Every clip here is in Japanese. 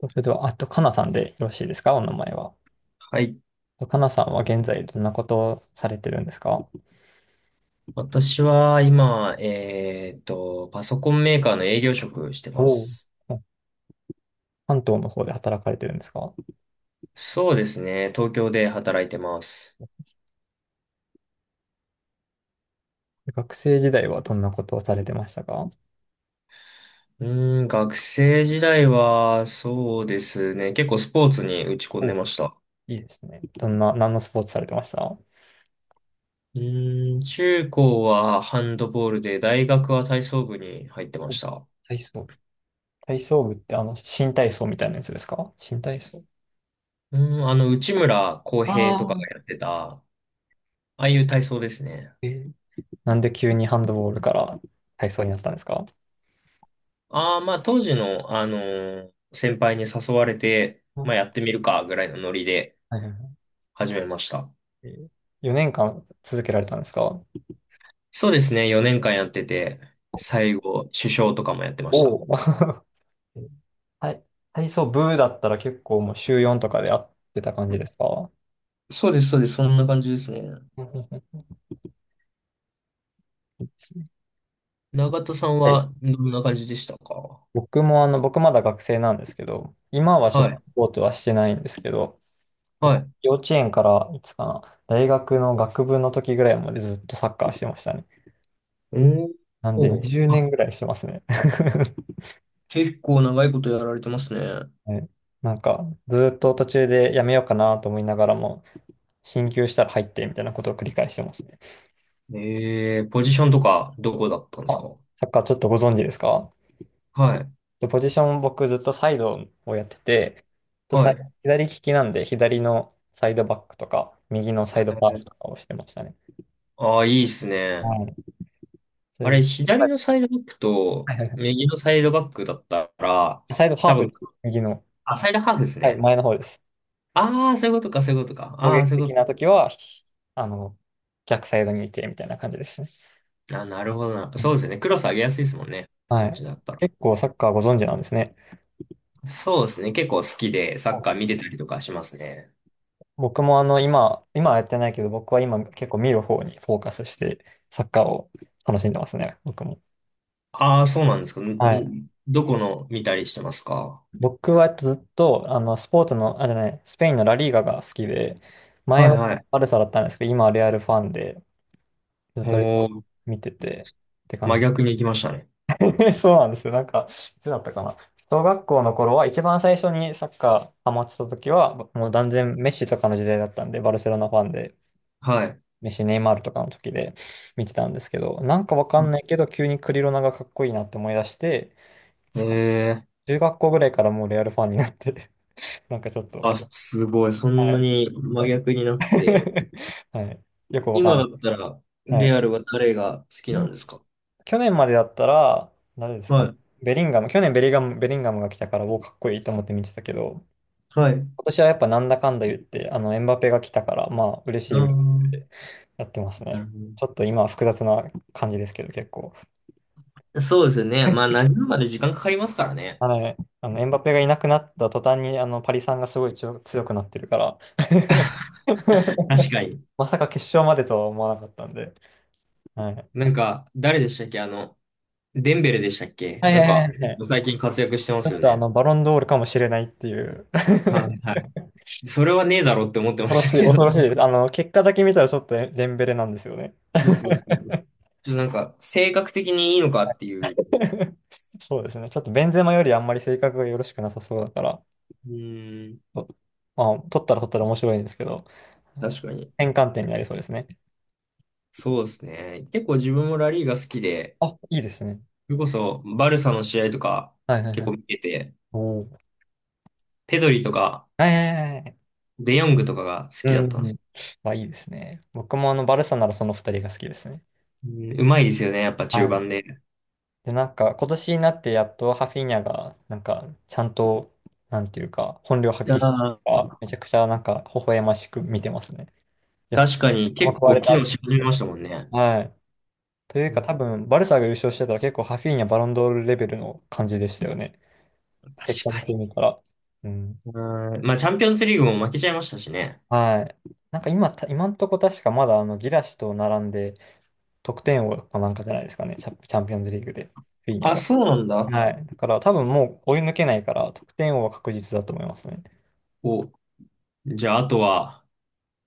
それでは、あと、かなさんでよろしいですか？お名前は。はい。かなさんは現在どんなことをされてるんですか？私は今、パソコンメーカーの営業職しておまおう。す。関東の方で働かれてるんですか？そうですね。東京で働いてます。学生時代はどんなことをされてましたか？う学生時代は、そうですね。結構スポーツに打ち込んでお、いました。いですね。どんな、何のスポーツされてました？中高はハンドボールで、大学は体操部に入ってまお、した。体操。体操部って新体操みたいなやつですか？新体操。うー内村航あ平とかがあ。やってた、ああいう体操ですね。えー、なんで急にハンドボールから体操になったんですか？ああ、まあ当時の、先輩に誘われて、まあやあ、ってみるかぐらいのノリではいはい始めました。はい。4年間続けられたんですか？そうですね、4年間やってて、最後、首相とかもやってました。おお はい。体操部だったら結構もう週4とかで会ってた感じですか？そうです、そうです、そんな感じですね。うんうんうん、いいですね。 永田さん ははい。どんな感じでしたか？僕も僕まだ学生なんですけど、今はちょっはとスい、ポーツはしてないんですけど、は僕い。幼稚園からいつかな、大学の学部の時ぐらいまでずっとサッカーしてましたね。おーなんでおー、20あ、年ぐらいしてますね。結構長いことやられてますね。はい。なんかずっと途中でやめようかなと思いながらも、進級したら入ってみたいなことを繰り返してますね。ええ、ポジションとかどこだったんですあ、か？サッカーちょっとご存知ですか？はい、で、ポジション僕ずっとサイドをやってて、とサはイい。左利きなんで左のサイドバックとか、右のサイドハーフとかをしてましたね。ああー、いいっすはね。い。そあれれ、で、左はいのサイドバックとはいはい、は右のサイドバックだったら、いサイドハ多ー分、フ、右の、あ、サイドハーフですはい、ね。前の方です。ああ、そういうことか、そういうことか。攻ああ、撃そういう的こな時は、あの、逆サイドにいてみたいな感じですね。と。あ、なるほどな。そうね、ですね。クロス上げやすいですもんね。はそっい。ちだったら。結構サッカーご存知なんですね。そうですね。結構好きでサはッカー見い。てたりとかしますね。僕も今はやってないけど、僕は今結構見る方にフォーカスして、サッカーを楽しんでますね、僕も。ああ、そうなんですか。んはい。ん、どこの見たりしてますか？僕はえっとずっと、あの、スポーツの、あ、じゃない、スペインのラリーガが好きで、前ははいはい。バルサだったんですけど、今はレアルファンで、ずっとリーおガー、見てて、って感真じ。逆に行きましたね。そうなんですよ。なんか、いつだったかな。小学校の頃は、一番最初にサッカーハマってた時は、もう断然メッシとかの時代だったんで、バルセロナファンで、はい。メッシ、ネイマールとかの時で見てたんですけど、なんかわかうんん、ないけど、急にクリロナがかっこいいなって思い出して、いつかえ中学校ぐらいからもうレアルファンになって、なんかちょっと、ー、あ、すごい。そはんない。 に真逆になって。はい。よくわかん今だったら、ない。はレアルい。は誰が好きなん今、ですか？去年までだったら、誰ですかはね。い。ベリンガム。去年ベリガム、ベリンガムが来たから、おー、かっこいいと思って見てたけど、はい。今年はやっぱなんだかんだ言って、あの、エムバペが来たから、まあ、嬉しあい、嬉しいっー、てやってますなるね。ほちょっと今は複雑な感じですけど、結構。ど。そうですよね。まあ、馴染むまで時間かかりますからね。あのね、あのエムバペがいなくなった途端に、あの、パリさんがすごい強くなってるから、確かに。まさか決勝までとは思わなかったんで、はい。なんか、誰でしたっけ、あの、デンベレでしたっけ、はいなんはいはか、いはい。最近活躍してまちすょっよとあね。の、バロンドールかもしれないっていう、はいはい。それはねえだろうって思ってま恐ろししたい、けど。恐ろしいです。あの、結果だけ見たらちょっとデンベレなんですよね。そうそうそう。ちょっとなんか、性格的にいいのかっていう。そうですね。ちょっとベンゼマよりあんまり性格がよろしくなさそうだから、うーん、と、まあ、取ったら面白いんですけど、確かに。転換点になりそうですね。そうですね。結構自分もラリーが好きで、あ、いいですね。それこそ、バルサの試合とかはいはい結は構い。見てて、おー。ペドリとかはいはいはいはい。デヨングとかが好うきだったんですん。よ。まあいいですね。僕もあの、バルサならその二人が好きですね。うん、うまいですよね、やっぱは中い。盤で。で、なんか、今年になってやっとハフィーニャが、なんか、ちゃんと、なんていうか、本領発あ揮してるから、めー、ちゃくちゃなんか、微笑ましく見てますね。いや、確かに結壊構れ機た能と思っし始めて。ましたもんね。はい。といううか、ん、多分、バルサが優勝してたら結構ハフィーニャ、バロンドールレベルの感じでしたよね。結確果だかけに。見たら。うん。うん、まあ、チャンピオンズリーグも負けちゃいましたしね。はい。なんか今、た今んとこ確かまだあのギラシと並んで得点王かなんかじゃないですかね。チャ、チャンピオンズリーグで、フィーニャあ、が。そうなんだ。はい。だから多分もう追い抜けないから、得点王は確実だと思いますね。お、じゃあ、あとは、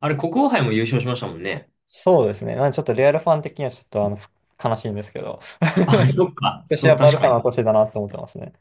あれ、国王杯も優勝しましたもんね。そうですね。なんでちょっとレアルファン的にはちょっとあの、悲しいんですけど。あ、今そっか。年そはう、バル確サかに。の年だなと思ってますね。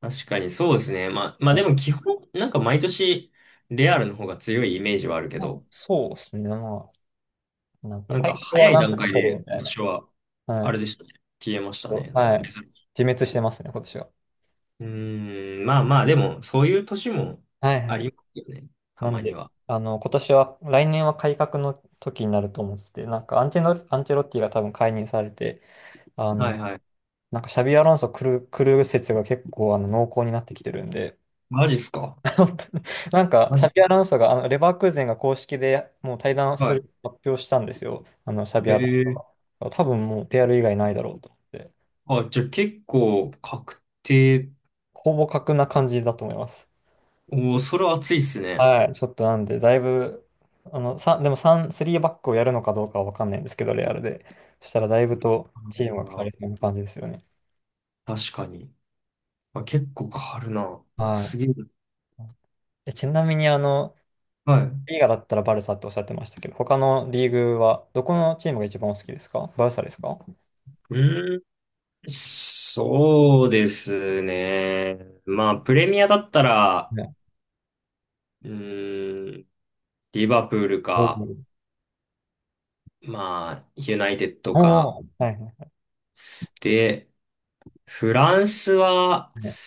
確かに、そうですね。まあ、まあでも基本、なんか毎年、レアルの方が強いイメージはあるけあ、ど、そうですね。まあ、なんか、なん体か調早はいなん段とか階取るみでた今いな。年は、はあい。れでしたね。消えましたね。なんはかい。別に。自滅してますね、今年は。まあまあ、でも、そういう年もはいはあい。りますよね。たなまんにで、は。あの、今年は、来年は改革の時になると思ってて、なんかアンチェロ、アンチェロッティが多分解任されて、あはいの、はい。なんかシャビアロンソ来る説が結構あの濃厚になってきてるんで、マジっすか？ 本当に。なんか、マシジ、ャビアロンソが、あの、レバークーゼンが公式でもう対談すはる発表したんですよ。あの、シャビい。へアロンソえ。が。多分もう、レアル以外ないだろうと思って。あ、じゃあ結構確定。ほぼ格な感じだと思います。おー、それは熱いっすね。はい。ちょっとなんで、だいぶ、あの、さ、でも3、スリーバックをやるのかどうかはわかんないんですけど、レアルで。そしたらだいぶとうん、チームが変わありー、そうな感じですよね。確かに。あ、結構変わるな。あ、はすげえ。い。え、ちなみに、あの、はい。リーガだったらバルサっておっしゃってましたけど、他のリーグは、どこのチームが一番お好きですか？バルサですか？うーん、そうですね。まあ、プレミアだったら、ね。うー、リバプールおか、おまあ、ユナイテッドおか。お、はいはいで、フランスは、はい。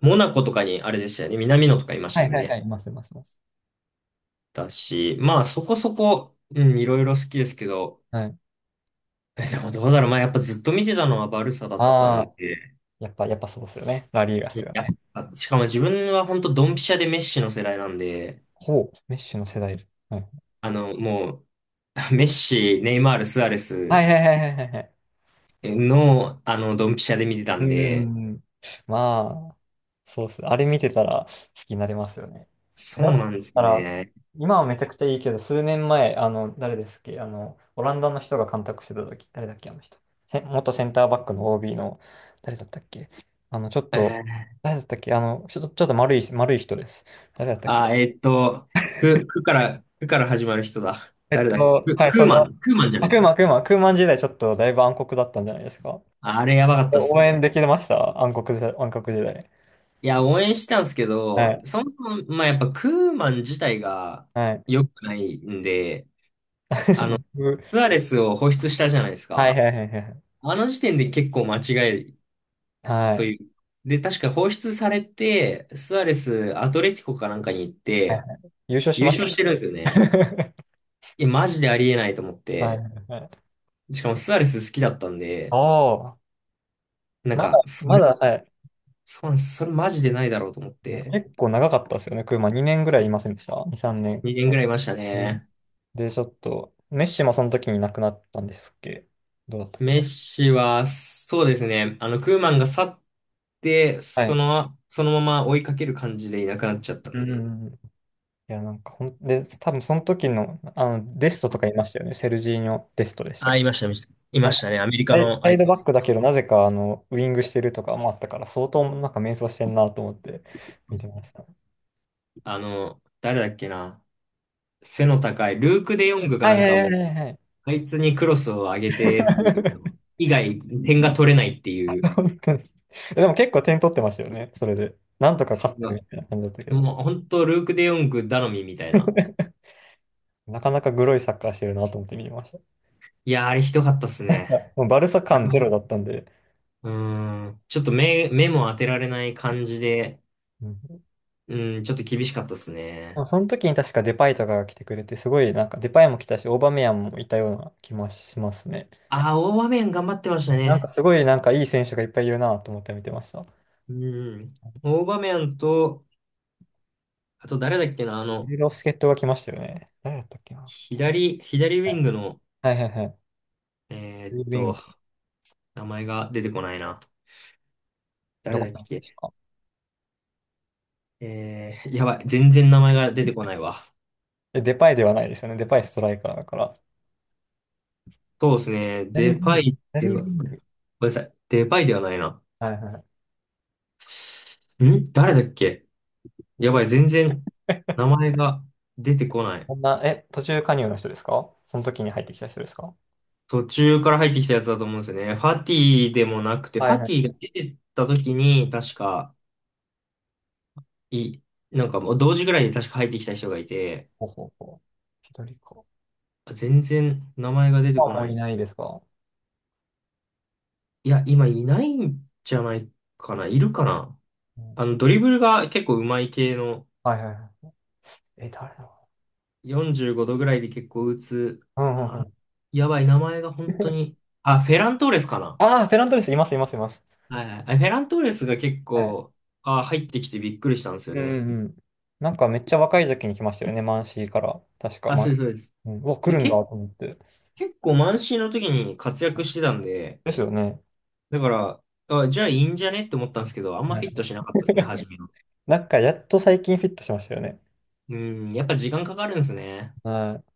モナコとかにあれでしたよね。南野とかいましはたいもんはいはね。い、いますいますいます。だし、まあ、そこそこ、うん、いろいろ好きですけど、はい。え、でもどうだろう。まあ、やっぱずっと見てたのはバルサだったあんあ、で、やっぱそうですよね。ラリーガっいすや、よやね。っぱしかも自分は本当ドンピシャでメッシの世代なんで、ほう、メッシュの世代。あの、もう、メッシ、ネイマール、スアレはいスはいはいはいはいはい。の、あの、ドンピシャで見てたうんで、ん、まあ、そうっす。あれ見てたら好きになれますよね。そうだっなんですたら、ね。今はめちゃくちゃいいけど、数年前、あの、誰ですっけ、あの、オランダの人が監督してた時、誰だっけ、あの人。せ元センターバックの OB の、誰だったっけ。あの、ちょっえと、ー、誰だったっけ、あの、ちょっと、ちょっと丸い人です。誰だったっけ。あ、く、くから、くから始まる人だ。えっ誰だっけ、と、く、はい、クそーんマな、ン、クーマンじゃないあ、ですか。クーマン時代ちょっとだいぶ暗黒だったんじゃないですか。あれやばかったっす応援ね。できてました暗黒時代、暗黒時代。いや、応援してたんですけはど、い。そもそも、まあ、やっぱクーマン自体がはい。良くないんで、あの、スアレスを放出したじゃないですはいか。はいはいはい。あの時点で結構間違いはとい。いう。で、確か放出されて、スアレス、アトレティコかなんかに行っはいはて、い。優勝し優ました。勝してるんですよね。いや、マジでありえないと思っはいはて。いはい。しかもスアレス好きだったんで、ああ、なんまだ、か、そまれ、だ、はい。そうなんです。それマジでないだろうと思って、結構長かったですよね。クーマ2年ぐらいいませんでした？ 2、3年。2年ぐらいいましたうん。ね。で、ちょっと、メッシもその時に亡くなったんですっけ？どうだったっメけ？ッシは、そうですね。あの、クーマンが去って、はそい。の、そのまま追いかける感じでいなくなっちゃったうんんうで。んうん。いや、なんかほん、で、多分その時の、あの、デストとかいましたよね。セルジーニョ・デストでしたっあ、け？いました、いました。いなまんしかたね。アメリカサイのサイ相手ドでバッす。クだけど、なぜか、あの、ウイングしてるとかもあったから、相当なんか迷走してんなと思って見てました。あの、誰だっけな。背の高い、ルーク・デヨングかはないんはいかはいも、はいはい。あいつにクロスを上げてっていうの 以外、点が取れないっていう、本当に。でも結構点取ってましたよね、それで。なんとかそ勝ってるみたいな感じだったけう、ど。もう本当、ルーク・デヨング頼みみたいな。なかなかグロいサッカーしてるなと思って見てました。いいや、あれひどかったっすや、ね。もうバルサ感ゼロだったんで。うん。ちょっと目、目も当てられない感じで、うん。うん、ちょっと厳しかったですでもね。その時に確かデパイとかが来てくれて、すごいなんかデパイも来たし、オーバメヤンもいたような気もしますね。ああ、大場面頑張ってましたなんかね。すごいなんかいい選手がいっぱいいるなと思って見てました。うん。大場面と、あと誰だっけな、あいろいの、ろ助っ人が来ましたよね。誰だったっけな。左、左ウはィいングの、はいはいはい。えーっルビング、と、名前が出てこないな。ど誰こだにっ行きまけ、した？えー、やばい。全然名前が出てこないわ。え、デパイではないですよね。デパイストライカーだから。そうですね。ダリー・ウディンパグ。イダでリー・ウは、ィンごグ。めんなさい。デパイではないな。はいはい。ん、誰だっけ、やばい。全然名前が出てこない。こんな、え、途中加入の人ですか？その時に入ってきた人ですか？途中から入ってきたやつだと思うんですよね。ファティでもなくて、フはいァはティがい。出てった時に、確か、い、なんかもう同時ぐらいに確か入ってきた人がいて、ほうほうほう。左か。あ、全然名前が出てまあ、こもなういい。ないですか、いや、今いないんじゃないかな。いるかな。うん、あの、ドリブルが結構上手い系の、はいはいはい。え、誰だろ45度ぐらいで結構打つ。う。うんうんあ、うん。やばい、名前が本当に。あ、フェラントーレスかな。ああ、フェラントレス、います、います、います。はいはい。あ、フェラントーレスが結はい。構、あ、入ってきてびっくりしたんですうよんね。うんうん。なんかめっちゃ若い時に来ましたよね、マンシーから。確か、あ、マそうン、です、そうです。うん、うわ、来で、るんだと思って。結構満身の時に活躍してたんで、ですよね。だから、あ、じゃあいいんじゃねって思ったんですけど、あんまはフい。 ィットしなかったですね、初 めの。なんかやっと最近フィットしましたよね。うん、やっぱ時間かかるんですね。はい